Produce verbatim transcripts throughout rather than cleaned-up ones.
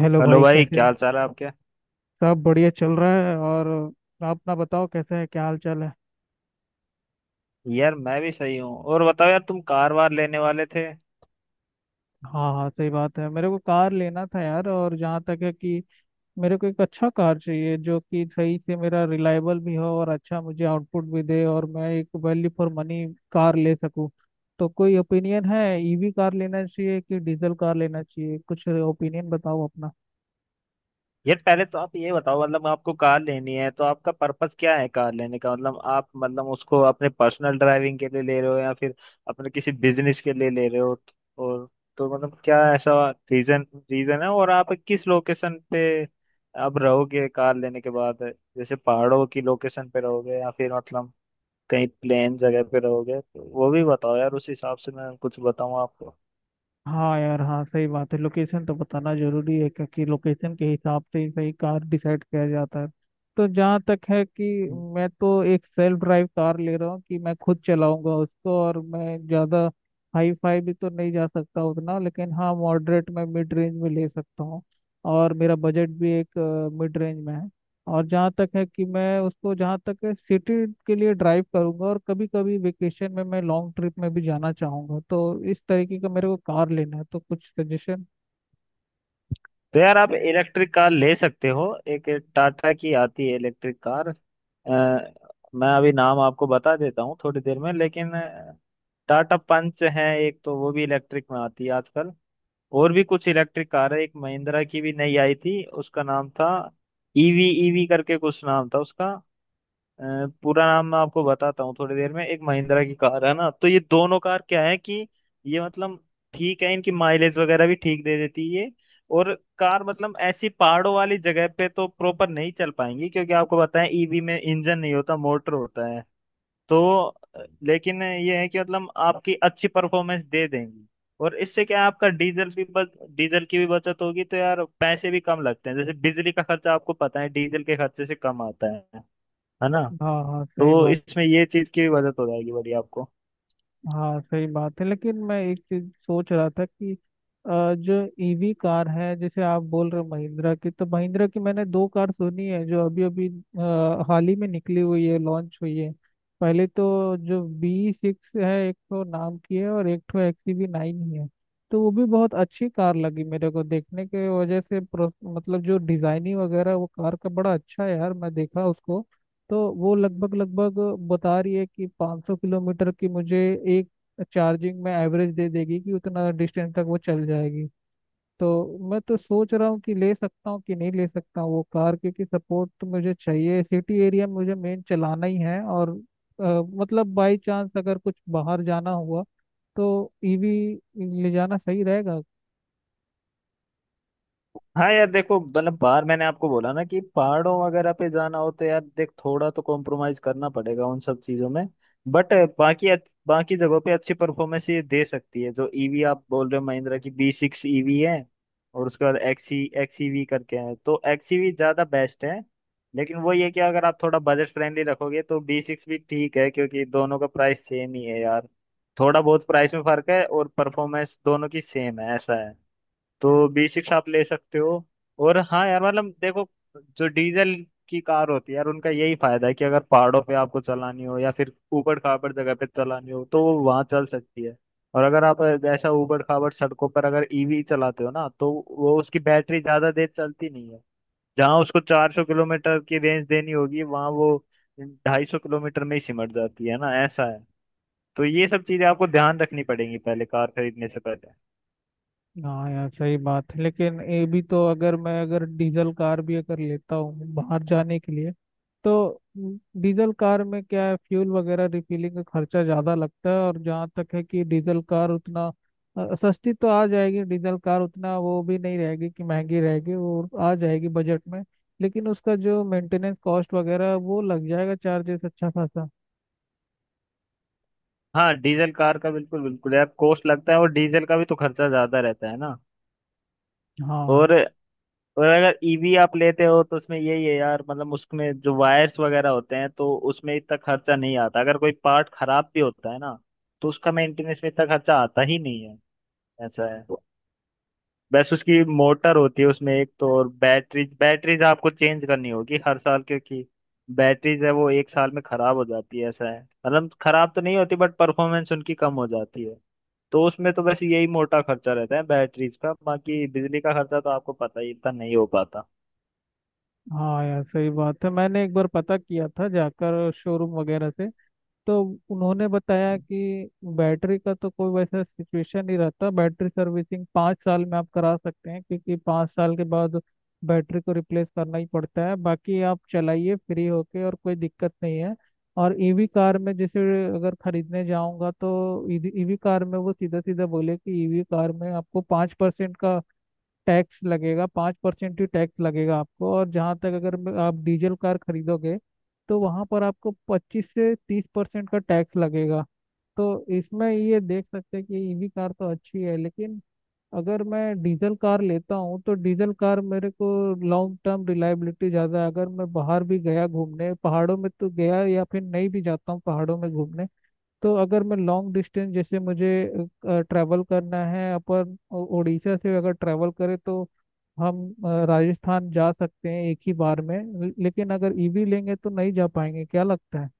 Hello hello भाई, भाई कैसे क्या हो। हाल चाल है आपके। सब बढ़िया चल रहा है। और आप ना बताओ कैसे है, क्या हाल चाल है? यार मैं भी सही हूँ। और बताओ यार तुम कार वार लेने वाले थे। हाँ हाँ, सही बात है। मेरे को कार लेना था यार, और जहाँ तक है कि मेरे को एक अच्छा कार चाहिए जो कि सही से मेरा रिलायबल भी हो और अच्छा मुझे आउटपुट भी दे, और मैं एक वैल्यू फॉर मनी कार ले सकूँ। तो कोई ओपिनियन है, ईवी कार लेना चाहिए कि डीजल कार लेना चाहिए? कुछ ओपिनियन बताओ अपना। यार पहले तो आप ये बताओ, मतलब आपको कार लेनी है तो आपका पर्पस क्या है कार लेने का। मतलब आप मतलब उसको अपने पर्सनल ड्राइविंग के लिए ले रहे हो या फिर अपने किसी बिजनेस के लिए ले रहे हो। और तो मतलब क्या ऐसा रीजन रीजन है। और आप किस लोकेशन पे आप रहोगे कार लेने के बाद। जैसे पहाड़ों की लोकेशन पे रहोगे या फिर मतलब कहीं प्लेन जगह पे रहोगे, तो वो भी बताओ यार, उस हिसाब से मैं कुछ बताऊँ आपको। हाँ यार, हाँ सही बात है, लोकेशन तो बताना जरूरी है, क्योंकि लोकेशन के हिसाब से ही सही कार डिसाइड किया जाता है। तो जहाँ तक है कि तो मैं तो एक सेल्फ ड्राइव कार ले रहा हूँ कि मैं खुद चलाऊंगा उसको, और मैं ज़्यादा हाई फाई भी तो नहीं जा सकता उतना, लेकिन हाँ मॉडरेट में, मिड रेंज में ले सकता हूँ। और मेरा बजट भी एक मिड रेंज में है। और जहाँ तक है कि मैं उसको जहाँ तक है सिटी के लिए ड्राइव करूंगा, और कभी कभी वेकेशन में मैं लॉन्ग ट्रिप में भी जाना चाहूंगा। तो इस तरीके का मेरे को कार लेना है, तो कुछ सजेशन। यार आप इलेक्ट्रिक कार ले सकते हो। एक टाटा की आती है इलेक्ट्रिक कार, अ, मैं अभी नाम आपको बता देता हूँ थोड़ी देर में। लेकिन अ, टाटा पंच है एक तो, वो भी इलेक्ट्रिक में आती है आजकल। और भी कुछ इलेक्ट्रिक कार है, एक महिंद्रा की भी नई आई थी, उसका नाम था ईवी ईवी करके कुछ नाम था उसका। अ, पूरा नाम मैं आपको बताता हूँ थोड़ी देर में। एक महिंद्रा की कार है ना, तो ये दोनों कार क्या है कि ये मतलब ठीक है, इनकी माइलेज वगैरह भी ठीक दे देती है ये। और कार मतलब ऐसी पहाड़ों वाली जगह पे तो प्रॉपर नहीं चल पाएंगी, क्योंकि आपको बताएं, ईवी में इंजन नहीं होता मोटर होता है। तो अ, लेकिन ये है कि मतलब आपकी अच्छी परफॉर्मेंस दे देंगी। और इससे क्या है, आपका डीजल भी बच, डीजल की भी बचत होगी, तो यार पैसे भी कम लगते हैं। जैसे बिजली का खर्चा आपको पता है डीजल के खर्चे से कम आता है है ना। हाँ हाँ सही तो बात। इसमें ये चीज की मदद हो जाएगी बढ़िया आपको। हाँ सही बात है, लेकिन मैं एक चीज सोच रहा था कि अ, जो ईवी कार है जैसे आप बोल रहे हो महिंद्रा की, तो महिंद्रा की मैंने दो कार सुनी है जो अभी अभी अ, हाल ही में निकली हुई है, लॉन्च हुई है। पहले तो जो बी सिक्स है एक तो नाम की है, और एक तो एक्सयूवी नाइन ही है। तो वो भी बहुत अच्छी कार लगी मेरे को देखने के वजह से, प्रो- मतलब जो डिजाइनिंग वगैरह वो कार का बड़ा अच्छा है यार, मैं देखा उसको। तो वो लगभग लगभग बता रही है कि पाँच सौ किलोमीटर की मुझे एक चार्जिंग में एवरेज दे देगी, कि उतना डिस्टेंस तक वो चल जाएगी। तो मैं तो सोच रहा हूँ कि ले सकता हूँ कि नहीं ले सकता हूँ वो कार, क्योंकि सपोर्ट तो मुझे चाहिए। सिटी एरिया में मुझे मेन चलाना ही है, और अ, मतलब बाई चांस अगर कुछ बाहर जाना हुआ तो ईवी ले जाना सही रहेगा। हाँ यार देखो, मतलब बाहर मैंने आपको बोला ना कि पहाड़ों वगैरह पे जाना हो तो यार देख, थोड़ा तो कॉम्प्रोमाइज करना पड़ेगा उन सब चीजों में। बट बाकी अच्छ- बाकी जगहों पे अच्छी परफॉर्मेंस ये दे सकती है। जो ईवी आप बोल रहे हो, महिंद्रा की बी सिक्स ईवी है और उसके बाद एक्सी एक्सीवी करके है, तो एक्सीवी ज्यादा बेस्ट है। लेकिन वो ये कि अगर आप थोड़ा बजट फ्रेंडली रखोगे तो बी सिक्स भी ठीक है, क्योंकि दोनों का प्राइस सेम ही है यार। थोड़ा बहुत प्राइस में फर्क है और परफॉर्मेंस दोनों की सेम है, ऐसा है। तो बेसिक्स आप ले सकते हो। और हाँ यार मतलब देखो, जो डीजल की कार होती है यार, उनका यही फायदा है कि अगर पहाड़ों पे आपको चलानी हो या फिर ऊबड़ खाबड़ जगह पे चलानी हो तो वो वहां चल सकती है। और अगर आप ऐसा ऊबड़ खाबड़ सड़कों पर अगर ईवी चलाते हो ना, तो वो उसकी बैटरी ज्यादा देर चलती नहीं है। जहाँ उसको चार सौ किलोमीटर की रेंज देनी होगी, वहां वो दो सौ पचास किलोमीटर में ही सिमट जाती है ना, ऐसा है। तो ये सब चीजें आपको ध्यान रखनी पड़ेंगी पहले कार खरीदने से पहले। हाँ यार सही बात है, लेकिन ये भी तो अगर मैं अगर डीजल कार भी अगर लेता हूँ बाहर जाने के लिए, तो डीजल कार में क्या है, फ्यूल वगैरह रिफिलिंग का खर्चा ज़्यादा लगता है। और जहाँ तक है कि डीजल कार उतना अ, सस्ती तो आ जाएगी। डीजल कार उतना वो भी नहीं रहेगी कि महंगी रहेगी, वो आ जाएगी बजट में, लेकिन उसका जो मेंटेनेंस कॉस्ट वगैरह वो लग जाएगा, चार्जेस अच्छा खासा। हाँ डीजल कार का बिल्कुल बिल्कुल यार कॉस्ट लगता है और डीजल का भी तो खर्चा ज्यादा रहता है ना। और हाँ और अगर ईवी आप लेते हो तो उसमें यही है यार, मतलब उसमें जो वायर्स वगैरह होते हैं तो उसमें इतना खर्चा नहीं आता, अगर कोई पार्ट खराब भी होता है ना तो उसका मेंटेनेंस में इतना खर्चा आता ही नहीं है, ऐसा है। बस उसकी मोटर होती है उसमें एक तो, और बैटरीज बैटरीज आपको चेंज करनी होगी हर साल, क्योंकि बैटरीज है वो एक साल में खराब हो जाती है, ऐसा है। मतलब खराब तो नहीं होती बट परफॉर्मेंस उनकी कम हो जाती है। तो उसमें तो बस यही मोटा खर्चा रहता है बैटरीज का, बाकी बिजली का खर्चा तो आपको पता ही इतना नहीं हो पाता। हाँ यार, सही बात है। मैंने एक बार पता किया था जाकर शोरूम वगैरह से, तो उन्होंने बताया कि बैटरी का तो कोई वैसा सिचुएशन नहीं रहता, बैटरी सर्विसिंग पाँच साल में आप करा सकते हैं, क्योंकि पाँच साल के बाद बैटरी को रिप्लेस करना ही पड़ता है। बाकी आप चलाइए फ्री होके, और कोई दिक्कत नहीं है। और ईवी कार में जैसे अगर खरीदने जाऊंगा तो ईवी कार में वो सीधा सीधा बोले कि ईवी कार में आपको पाँच परसेंट का टैक्स लगेगा। पाँच परसेंट ही टैक्स लगेगा आपको। और जहाँ तक अगर ब- आप डीजल कार खरीदोगे, तो वहाँ पर आपको पच्चीस से तीस परसेंट का टैक्स लगेगा। तो इसमें ये देख सकते हैं कि ईवी कार तो अच्छी है, लेकिन अगर मैं डीजल कार लेता हूँ तो डीजल कार मेरे को लॉन्ग टर्म रिलायबिलिटी ज़्यादा है। अगर मैं बाहर भी गया घूमने पहाड़ों में तो गया, या फिर नहीं भी जाता हूँ पहाड़ों में घूमने, तो अगर मैं लॉन्ग डिस्टेंस जैसे मुझे ट्रैवल करना है, अपन ओ- उड़ीसा से अगर ट्रैवल करें तो हम अ, राजस्थान जा सकते हैं एक ही बार में। ल- लेकिन अगर ईवी लेंगे तो नहीं जा पाएंगे, क्या लगता है?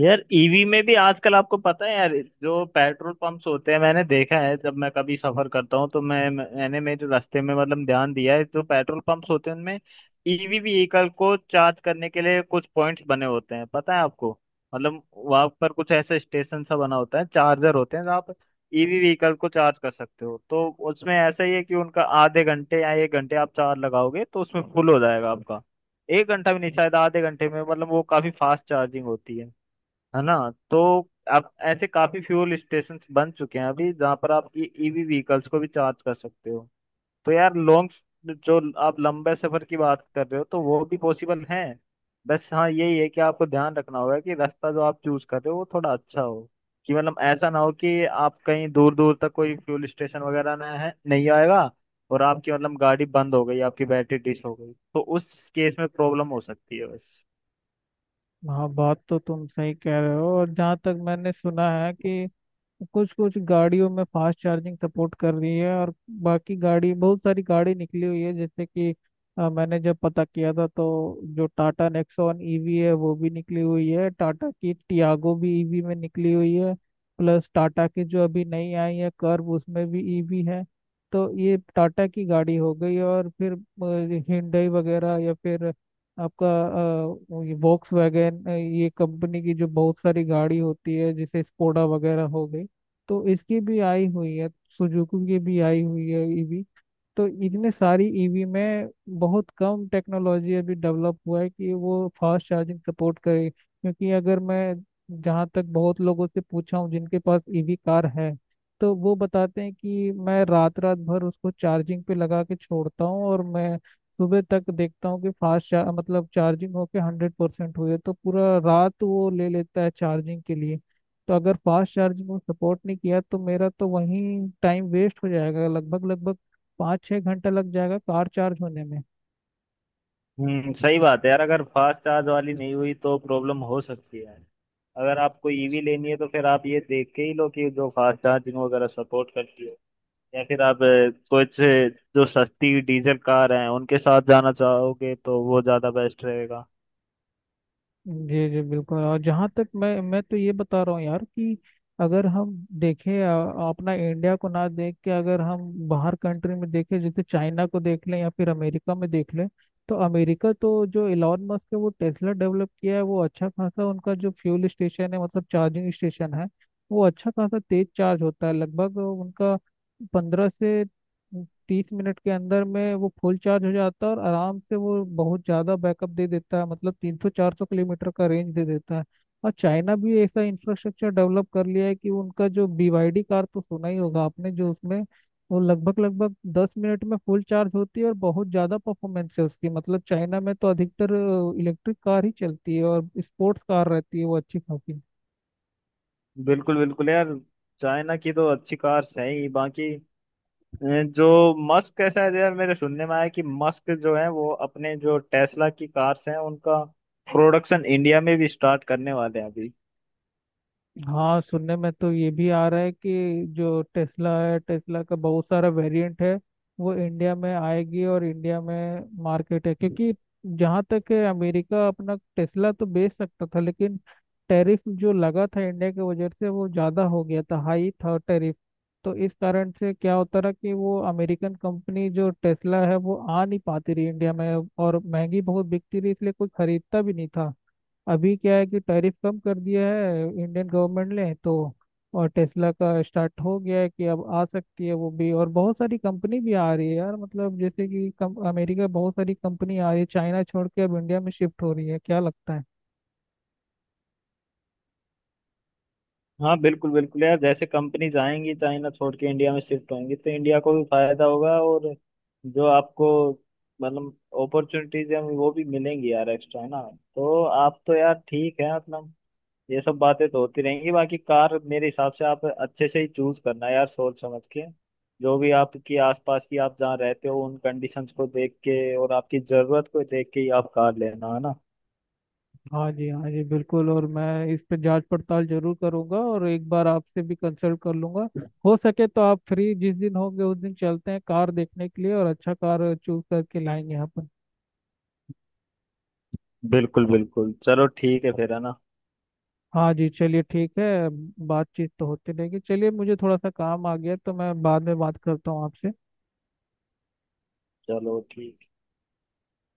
यार ईवी में भी आजकल आपको पता है यार, जो पेट्रोल पंप्स होते हैं मैंने देखा है, जब मैं कभी सफर करता हूँ तो मैं, मैंने मेरे रास्ते में मतलब ध्यान दिया है, जो पेट्रोल पंप्स होते हैं उनमें ईवी व्हीकल को चार्ज करने के लिए कुछ पॉइंट्स बने होते हैं, पता है आपको। मतलब वहां पर कुछ ऐसा स्टेशन सा बना होता है, चार्जर होते हैं जहाँ आप ईवी व्हीकल को चार्ज कर सकते हो। तो उसमें ऐसा ही है कि उनका आधे घंटे या एक घंटे आप चार्ज लगाओगे तो उसमें फुल हो जाएगा आपका। एक घंटा भी नहीं शायद, आधे घंटे में मतलब, वो काफी फास्ट चार्जिंग होती है है ना। तो अब ऐसे काफी फ्यूल स्टेशन बन चुके हैं अभी, जहाँ पर आप ईवी व्हीकल्स को भी चार्ज कर सकते हो। तो यार लॉन्ग, जो आप लंबे सफर की बात कर रहे हो, तो वो भी पॉसिबल है। बस हाँ यही है कि आपको ध्यान रखना होगा कि रास्ता जो आप चूज कर रहे हो वो थोड़ा अच्छा हो, कि मतलब ऐसा ना हो कि आप कहीं दूर दूर तक कोई फ्यूल स्टेशन वगैरह ना है, नहीं आएगा। और आपकी मतलब गाड़ी बंद हो गई, आपकी बैटरी डिस हो गई, तो उस केस में प्रॉब्लम हो सकती है बस। हाँ, बात तो तुम सही कह रहे हो। और जहाँ तक मैंने सुना है कि कुछ कुछ गाड़ियों में फास्ट चार्जिंग सपोर्ट कर रही है, और बाकी गाड़ी, बहुत सारी गाड़ी निकली हुई है, जैसे कि अ, मैंने जब पता किया था, तो जो टाटा नेक्सॉन ईवी है वो भी निकली हुई है, टाटा की टियागो भी ईवी में निकली हुई है। प्लस टाटा की जो अभी नई आई है कर्व, उसमें भी ईवी है। तो ये टाटा की गाड़ी हो गई, और फिर हिंडई वगैरह, या फिर आपका अ, ये वॉक्स वैगन, ये कंपनी की जो बहुत सारी गाड़ी होती है जैसे स्कोडा वगैरह हो गई। तो इसकी भी आई हुई है, सुजुकी की भी आई हुई है। तो इतने सारी ईवी में बहुत कम टेक्नोलॉजी अभी डेवलप हुआ है कि वो फास्ट चार्जिंग सपोर्ट करे, क्योंकि अगर मैं जहाँ तक बहुत लोगों से पूछा हूँ जिनके पास ईवी कार है, तो वो बताते हैं कि मैं रात रात भर उसको चार्जिंग पे लगा के छोड़ता हूँ, और मैं सुबह तक देखता हूँ कि फास्ट चार, मतलब चार्जिंग होके हंड्रेड परसेंट हुई है। तो पूरा रात वो ले लेता है चार्जिंग के लिए। तो अगर फास्ट चार्जिंग को सपोर्ट नहीं किया, तो मेरा तो वहीं टाइम वेस्ट हो जाएगा, लगभग लगभग पाँच छः घंटा लग जाएगा कार चार्ज होने में। हम्म सही बात है यार, अगर फास्ट चार्ज वाली नहीं हुई तो प्रॉब्लम हो सकती है। अगर आपको ईवी लेनी है तो फिर आप ये देख के ही लो कि जो फास्ट चार्जिंग वगैरह सपोर्ट करती है। या फिर आप अ, कुछ अ, जो सस्ती डीजल कार हैं उनके साथ जाना चाहोगे तो वो ज़्यादा बेस्ट रहेगा। जी जी बिल्कुल। और जहाँ तक मैं मैं तो ये बता रहा हूँ यार कि अगर हम देखें, अ, अपना इंडिया को ना देख के अगर हम बाहर कंट्री में देखें, जैसे चाइना को देख लें या फिर अमेरिका में देख लें। तो अमेरिका तो, जो इलॉन मस्क है वो टेस्ला डेवलप किया है। वो अच्छा खासा, उनका जो फ्यूल स्टेशन है, मतलब चार्जिंग स्टेशन है, वो अच्छा खासा तेज चार्ज होता है, लगभग उनका पंद्रह से तीस मिनट के अंदर में वो फुल चार्ज हो जाता है, और आराम से वो बहुत ज़्यादा बैकअप दे देता है, मतलब तीन सौ चार सौ किलोमीटर का रेंज दे देता है। और चाइना भी ऐसा इंफ्रास्ट्रक्चर डेवलप कर लिया है कि उनका जो B Y D कार तो सुना ही होगा आपने, जो उसमें वो लगभग लगभग दस मिनट में फुल चार्ज होती है, और बहुत ज़्यादा परफॉर्मेंस है उसकी। मतलब चाइना में तो अधिकतर इलेक्ट्रिक कार ही चलती है, और स्पोर्ट्स कार रहती है वो अच्छी खासी। बिल्कुल बिल्कुल यार, चाइना की तो अच्छी कार्स हैं ही। बाकी अ, जो मस्क कैसा है यार, मेरे सुनने में आया कि मस्क जो है वो अपने जो टेस्ला की कार्स हैं उनका प्रोडक्शन इंडिया में भी स्टार्ट करने वाले हैं अभी। हाँ, सुनने में तो ये भी आ रहा है कि जो टेस्ला है, टेस्ला का बहुत सारा वेरिएंट है वो इंडिया में आएगी, और इंडिया में मार्केट है। क्योंकि जहाँ तक है, अमेरिका अपना टेस्ला तो बेच सकता था, लेकिन टैरिफ जो लगा था इंडिया की वजह से वो ज़्यादा हो गया था, हाई था टैरिफ। तो इस कारण से क्या होता रहा कि वो अमेरिकन कंपनी जो टेस्ला है वो आ नहीं पाती रही इंडिया में, और महंगी बहुत बिकती रही, इसलिए कोई खरीदता भी नहीं था। अभी क्या है कि टैरिफ कम कर दिया है इंडियन गवर्नमेंट ने, तो और टेस्ला का स्टार्ट हो गया है कि अब आ सकती है वो भी। और बहुत सारी कंपनी भी आ रही है यार, मतलब जैसे कि कम, अमेरिका बहुत सारी कंपनी आ रही है चाइना छोड़ के, अब इंडिया में शिफ्ट हो रही है, क्या लगता है? हाँ बिल्कुल बिल्कुल यार, जैसे कंपनीज आएंगी चाइना छोड़ के इंडिया में शिफ्ट होंगी तो इंडिया को भी फायदा होगा। और जो आपको मतलब अपॉर्चुनिटीज हैं वो भी मिलेंगी यार एक्स्ट्रा, है ना। तो आप तो यार ठीक है मतलब, ये सब बातें तो होती रहेंगी। बाकी कार मेरे हिसाब से आप अच्छे से ही चूज करना यार, सोच समझ के। जो भी आपकी आसपास की आप जहाँ रहते हो उन कंडीशंस को देख के और आपकी जरूरत को देख के ही आप कार लेना, है ना। हाँ जी, हाँ जी, बिल्कुल। और मैं इस पे जांच पड़ताल जरूर करूंगा, और एक बार आपसे भी कंसल्ट कर लूंगा। हो सके तो आप फ्री जिस दिन होंगे उस दिन चलते हैं कार देखने के लिए, और अच्छा कार चूज करके लाएंगे हम। बिल्कुल बिल्कुल चलो ठीक है फिर, है ना। हाँ जी, चलिए ठीक है। बातचीत तो होती रहेगी। चलिए, मुझे थोड़ा सा काम आ गया, तो मैं बाद में बात करता हूँ आपसे। चलो ठीक।